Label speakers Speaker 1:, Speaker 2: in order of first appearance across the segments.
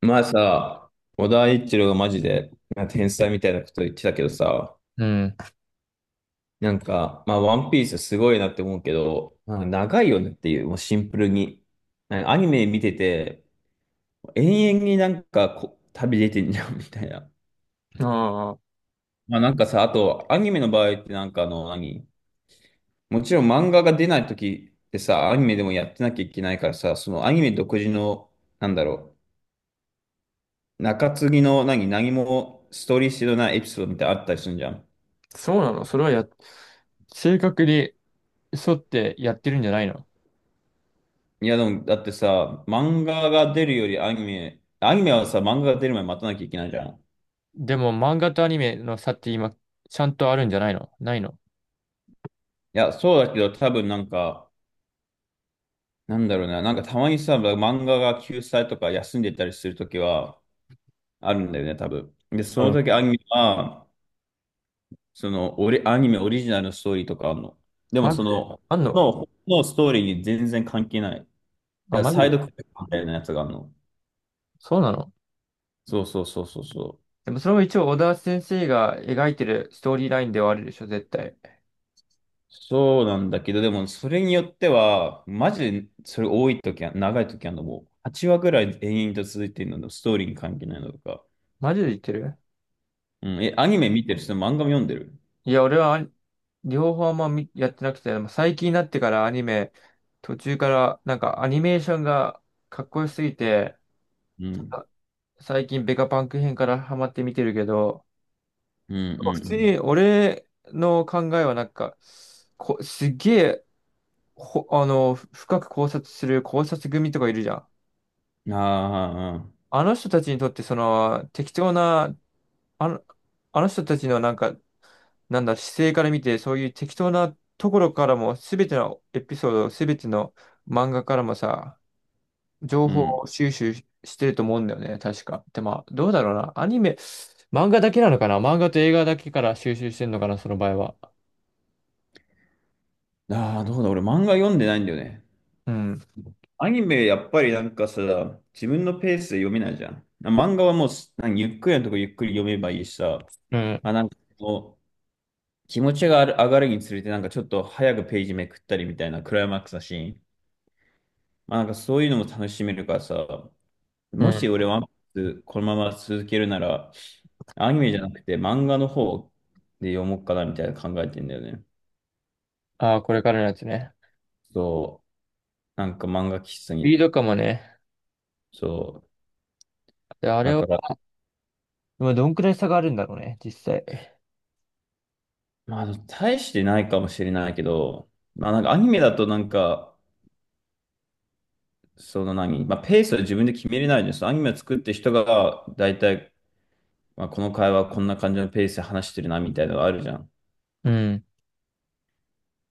Speaker 1: まあさ、小田一郎がマジで天才みたいなこと言ってたけどさ、
Speaker 2: うん。
Speaker 1: ワンピースすごいなって思うけど、なんか長いよねっていう、もうシンプルに。なんかアニメ見てて、延々にこ旅出てんじゃんみたいな。
Speaker 2: ああ、
Speaker 1: まあなんかさ、あと、アニメの場合ってなんかもちろん漫画が出ない時ってさ、アニメでもやってなきゃいけないからさ、そのアニメ独自の、なんだろう、中継ぎの何もストーリー性のないエピソードみたいなのあったりするじゃん。
Speaker 2: そうなの。それはや、正確に沿ってやってるんじゃないの？
Speaker 1: いや、でも、だってさ、漫画が出るよりアニメはさ、漫画が出る前に待たなきゃいけないじゃん。い
Speaker 2: でも漫画とアニメの差って今、ちゃんとあるんじゃないのないの？
Speaker 1: や、そうだけど、多分なんか、なんだろうな、なんかたまにさ、漫画が休載とか休んでたりするときはあるんだよね、多分。で、そ
Speaker 2: う
Speaker 1: の
Speaker 2: ん。
Speaker 1: 時アニメは、その、アニメオリジナルのストーリーとかあるの。でも、
Speaker 2: マジであんの？
Speaker 1: のストーリーに全然関係ない。だか
Speaker 2: あ、
Speaker 1: ら
Speaker 2: マジ
Speaker 1: サイド
Speaker 2: で。
Speaker 1: クエストみたいなやつがあるの。
Speaker 2: そうなの。
Speaker 1: そうそうそうそうそう。
Speaker 2: でもそれも一応小田先生が描いてるストーリーラインではあるでしょ、絶対。
Speaker 1: そうなんだけど、でもそれによっては、マジでそれ多い時は、長い時はもう8話ぐらい延々と続いてるので、ストーリーに関係ないのとか。
Speaker 2: マジで言ってる？
Speaker 1: うん、え、アニメ見てる人、漫画も読んでる。
Speaker 2: いや、俺はアニ両方あんま見やってなくて、でも最近になってからアニメ、途中からなんかアニメーションがかっこよすぎて、
Speaker 1: うん、
Speaker 2: 最近ベガパンク編からハマって見てるけど、
Speaker 1: うん、う
Speaker 2: 普通に
Speaker 1: ん、
Speaker 2: 俺の考えはなんか、すっげえ、あの、深く考察する考察組とかいるじゃん。
Speaker 1: うん。ああ、
Speaker 2: あの人たちにとってその適当な、あの、あの人たちのなんか、なんだ、姿勢から見て、そういう適当なところからも、すべてのエピソード、すべての漫画からもさ、情
Speaker 1: うん。
Speaker 2: 報収集してると思うんだよね、確か。で、まあ、どうだろうな。アニメ、漫画だけなのかな、漫画と映画だけから収集してんのかな、その場合は。
Speaker 1: ああ、どうだ、俺漫画読んでないんだよね。
Speaker 2: うん。
Speaker 1: アニメ、やっぱりなんかさ、自分のペースで読めないじゃん。漫画はもう、なんかゆっくりのとこゆっくり読めばいいしさ、
Speaker 2: う
Speaker 1: あ、
Speaker 2: ん。
Speaker 1: なんか気持ちがある上がるにつれて、なんかちょっと早くページめくったりみたいなクライマックスだし、まあなんかそういうのも楽しめるからさ、
Speaker 2: う
Speaker 1: も
Speaker 2: ん。
Speaker 1: し俺ワンピースこのまま続けるなら、アニメじゃなくて漫画の方で読もうかなみたいな考えてんだよね。
Speaker 2: ああ、これからのやつね。
Speaker 1: そう、なんか漫画喫茶
Speaker 2: スピー
Speaker 1: に、
Speaker 2: ドかもね。
Speaker 1: そう、
Speaker 2: で、あれ
Speaker 1: だ
Speaker 2: は、
Speaker 1: から、
Speaker 2: まあどんくらい差があるんだろうね、実際。
Speaker 1: まあ大してないかもしれないけど、まあなんかアニメだとなんか、その何、まあペースは自分で決めれないです。アニメを作ってる人が大体まあ、この会話こんな感じのペースで話してるなみたいなのがあるじゃん。
Speaker 2: うん。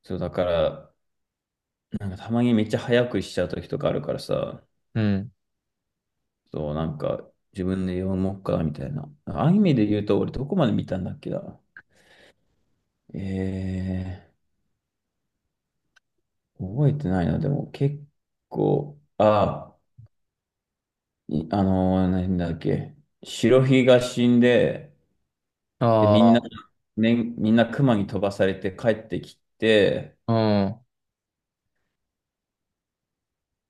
Speaker 1: そう、だから、なんかたまにめっちゃ早くしちゃう時とかあるからさ、
Speaker 2: うん。
Speaker 1: そう、なんか自分で読もうかみたいな。アニメで言うと俺どこまで見たんだっけな。え覚えてないな。でも結構、あ、いあのー、なんだっけ。白ひが死んで、で、みん
Speaker 2: あ
Speaker 1: な、ね、みんな熊に飛ばされて帰ってきて、
Speaker 2: あ、うん。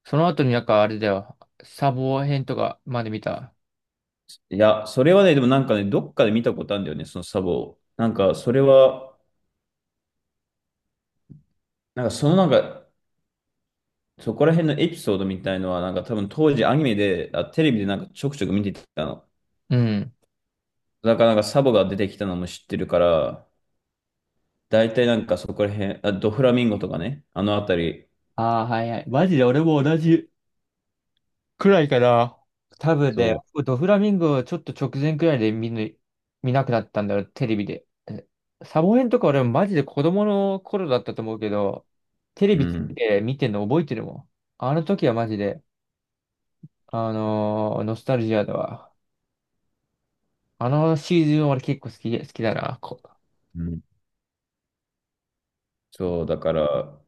Speaker 2: その後になんかあれだよ。サボ編とかまで見た？
Speaker 1: いや、それはね、でもなんかね、どっかで見たことあるんだよね、そのサボを。なんか、それは、なんかそのなんか、そこら辺のエピソードみたいのは、なんか多分当時アニメで、あ、テレビでなんかちょくちょく見てたの。
Speaker 2: うん。
Speaker 1: だからなんかサボが出てきたのも知ってるから、大体なんかそこら辺、あ、ドフラミンゴとかね、あのあたり。
Speaker 2: ああ、はいはい。マジで俺も同じくらいかな。多分で、
Speaker 1: そ
Speaker 2: ドフラミンゴをちょっと直前くらいで見ぬ、見なくなったんだよ、テレビで。サボヘンとか俺マジで子供の頃だったと思うけど、テレ
Speaker 1: う。う
Speaker 2: ビつけ
Speaker 1: ん。
Speaker 2: て見てんの覚えてるもん。あの時はマジで、ノスタルジアだわ。あのシーズン俺結構好きだな。
Speaker 1: うん。そう、だから、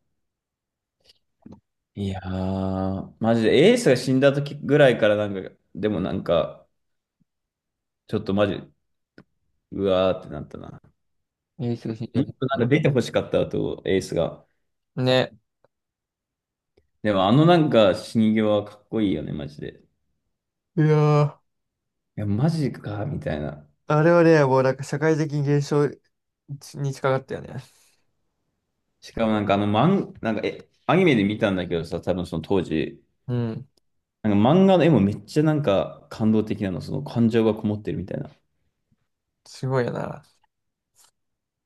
Speaker 1: いやー、マジでエースが死んだ時ぐらいからなんか、でもなんか、ちょっとマジ、うわーってなったな。
Speaker 2: エースが死んじゃ
Speaker 1: も
Speaker 2: っ
Speaker 1: っ
Speaker 2: て
Speaker 1: となんか出て欲しかったと、エースが。
Speaker 2: ね。
Speaker 1: でもあのなんか死に際はかっこいいよね、マジで。
Speaker 2: いやー、
Speaker 1: いや、マジか、みたいな。
Speaker 2: あれはね、社会的現象に近かったよね。
Speaker 1: しかもなんかあの漫、なんかえ、アニメで見たんだけどさ、多分その当時、
Speaker 2: うん。
Speaker 1: なんか漫画の絵もめっちゃなんか感動的なの、その感情がこもってるみたいな。
Speaker 2: すごいよな。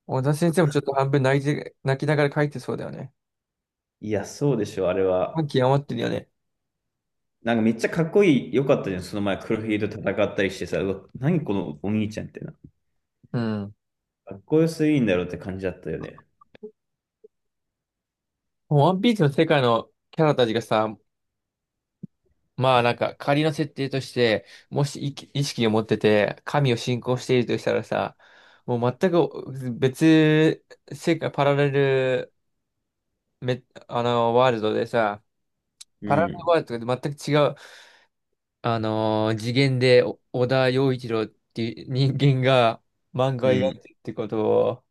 Speaker 2: 小田先生もちょっと半分泣いて、泣きながら書いてそうだよね。
Speaker 1: いや、そうでしょ、あれ
Speaker 2: 感
Speaker 1: は。
Speaker 2: 極まってるよね。
Speaker 1: なんかめっちゃかっこいい、よかったじゃん、その前黒ひげと戦ったりしてさ、うわ、何このお兄ちゃんってな。
Speaker 2: うん。
Speaker 1: かっこよすぎんだろうって感じだったよね。
Speaker 2: もうワンピースの世界のキャラたちがさ、まあなんか仮の設定として、もし意識を持ってて、神を信仰しているとしたらさ、もう全く別世界、パラレルめ、あの、ワールドでさ、
Speaker 1: う
Speaker 2: パラレルワ
Speaker 1: ん、
Speaker 2: ールドとで全く違う、次元でお小田洋一郎っていう人間が漫画
Speaker 1: う
Speaker 2: を描
Speaker 1: ん、
Speaker 2: いてるってことを、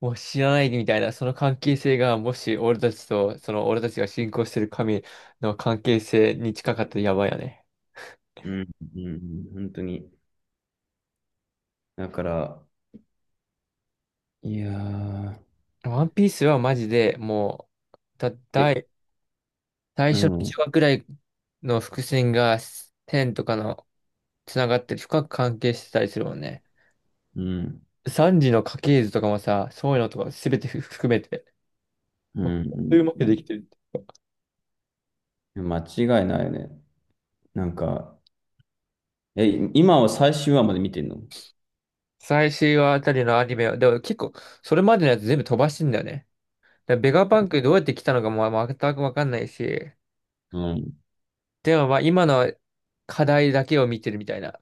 Speaker 2: もう知らないみたいな、その関係性が、もし俺たちと、その俺たちが信仰してる神の関係性に近かったらやばいよね。
Speaker 1: うん、うん、うん本当に。だから、いやー、
Speaker 2: ワンピースはマジで、もう、だ、
Speaker 1: え、
Speaker 2: 大、最
Speaker 1: う
Speaker 2: 初の1
Speaker 1: ん、
Speaker 2: 話くらいの伏線が、天とかの、つながって深く関係してたりするもんね。
Speaker 1: うん、
Speaker 2: 三時の家系図とかもさ、そういうのとか全て含めて、
Speaker 1: う
Speaker 2: もう、そう
Speaker 1: ん、
Speaker 2: いうまくできてる。
Speaker 1: うん。間違いないよね。なんか、え、今は最終話まで見てんの？
Speaker 2: 最終話あたりのアニメは、でも結構、それまでのやつ全部飛ばしてんだよね。でベガパンクどうやって来たのかもまあ全くわかんないし、
Speaker 1: うん。
Speaker 2: でもまあ今の課題だけを見てるみたいな。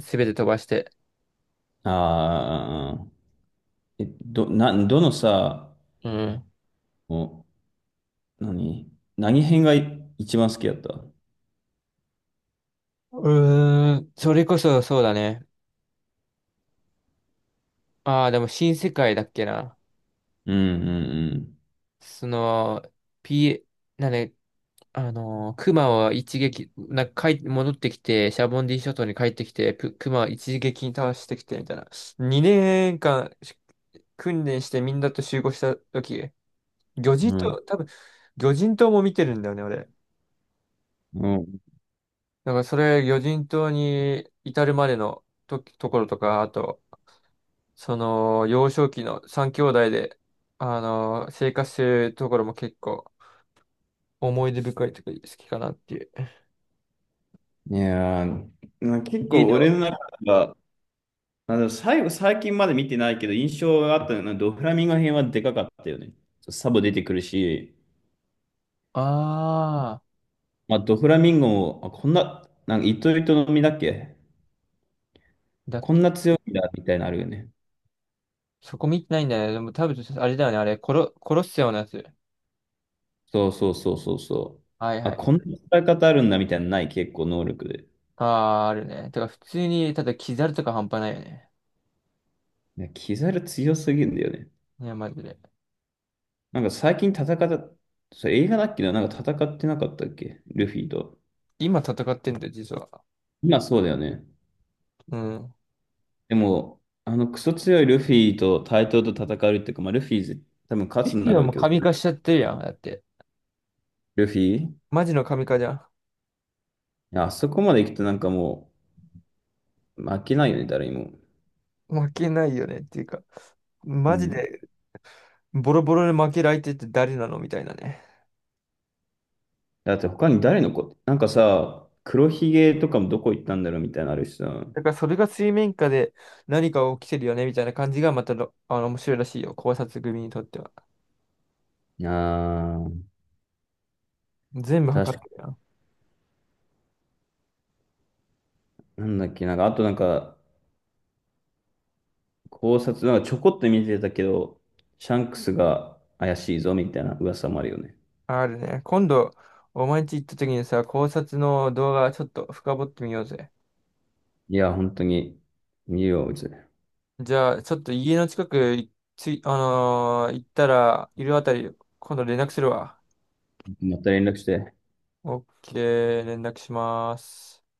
Speaker 2: すべて飛ばして。
Speaker 1: ああ、え、ど、な、どのさ、
Speaker 2: うん。
Speaker 1: お、何何編がい一番好きだった？
Speaker 2: うーん、それこそそうだね。ああ、でも新世界だっけな。
Speaker 1: うん、うん、
Speaker 2: その、P、なんで、あのー、クマを一撃、なんか帰戻ってきて、シャボンディ諸島に帰ってきて、プクマを一撃に倒してきて、みたいな。2年間訓練してみんなと集合した時、魚人
Speaker 1: うん。
Speaker 2: 島、多分、魚人島も見てるんだよね、俺。
Speaker 1: うん、う
Speaker 2: だからそれ、魚人島に至るまでのと、ところとか、あと、その、幼少期の三兄弟で、あの、生活するところも結構思い出深いとか好きかなっていう。
Speaker 1: ん。いやー、な結
Speaker 2: 家
Speaker 1: 構
Speaker 2: では、
Speaker 1: 俺の中では、あの、最近まで見てないけど、印象があったのは、ドフラミンゴ編はでかかったよね。サボ出てくるし、
Speaker 2: あ
Speaker 1: まあ、ドフラミンゴも、あ、こんな、なんか、糸糸の実だっけ？
Speaker 2: ー、だっ
Speaker 1: こ
Speaker 2: け。
Speaker 1: んな強いんだ、みたいなのあるよね。
Speaker 2: そこ見てないんだよね。でも多分、あれだよね。あれ、殺すようなやつ。
Speaker 1: そうそうそうそうそう。
Speaker 2: はいは
Speaker 1: あ、
Speaker 2: い。
Speaker 1: こんな使い方あるんだ、みたいなのない、結構能力で。
Speaker 2: あー、あるね。てか、普通に、ただ、キザルとか半端ないよね。
Speaker 1: いや、キザル強すぎるんだよね。
Speaker 2: いや、マジで。
Speaker 1: なんか最近戦った、それ映画だっけな、なんか戦ってなかったっけルフィと。
Speaker 2: 今戦ってんだよ、実は。
Speaker 1: 今そうだよね。
Speaker 2: うん。
Speaker 1: でも、あのクソ強いルフィと対等と戦うっていうか、まあ、ルフィ多分勝つん
Speaker 2: い
Speaker 1: だ
Speaker 2: や、
Speaker 1: ろう
Speaker 2: もう
Speaker 1: けど、
Speaker 2: 神化しちゃってるやん。だって。
Speaker 1: ルフィ、い
Speaker 2: マジの神化じゃん。
Speaker 1: やあそこまで行くとなんかもう負けないよね、誰にも。
Speaker 2: 負けないよねっていうか、
Speaker 1: う
Speaker 2: マジ
Speaker 1: ん、
Speaker 2: でボロボロで負ける相手って誰なのみたいなね。
Speaker 1: だって他に誰の子、なんかさ、黒ひげとかもどこ行ったんだろうみたいなのあるしさ。
Speaker 2: だからそれが水面下で何か起きてるよねみたいな感じがまたろあの面白いらしいよ。考察組にとっては。
Speaker 1: あー、
Speaker 2: 全部測
Speaker 1: 確
Speaker 2: っ
Speaker 1: か、
Speaker 2: てるよ。
Speaker 1: なんだっけ、なんか、あとなんか、考察、なんかちょこっと見てたけど、シャンクスが怪しいぞみたいな噂もあるよね。
Speaker 2: あるね。今度、お前んち行った時にさ、考察の動画ちょっと深掘ってみようぜ。
Speaker 1: いや、本当に、見るよ、うち。
Speaker 2: じゃあ、ちょっと家の近くいつい、あのー行ったら、いるあたり、今度連絡するわ。
Speaker 1: また連絡して。
Speaker 2: オッケー、連絡します。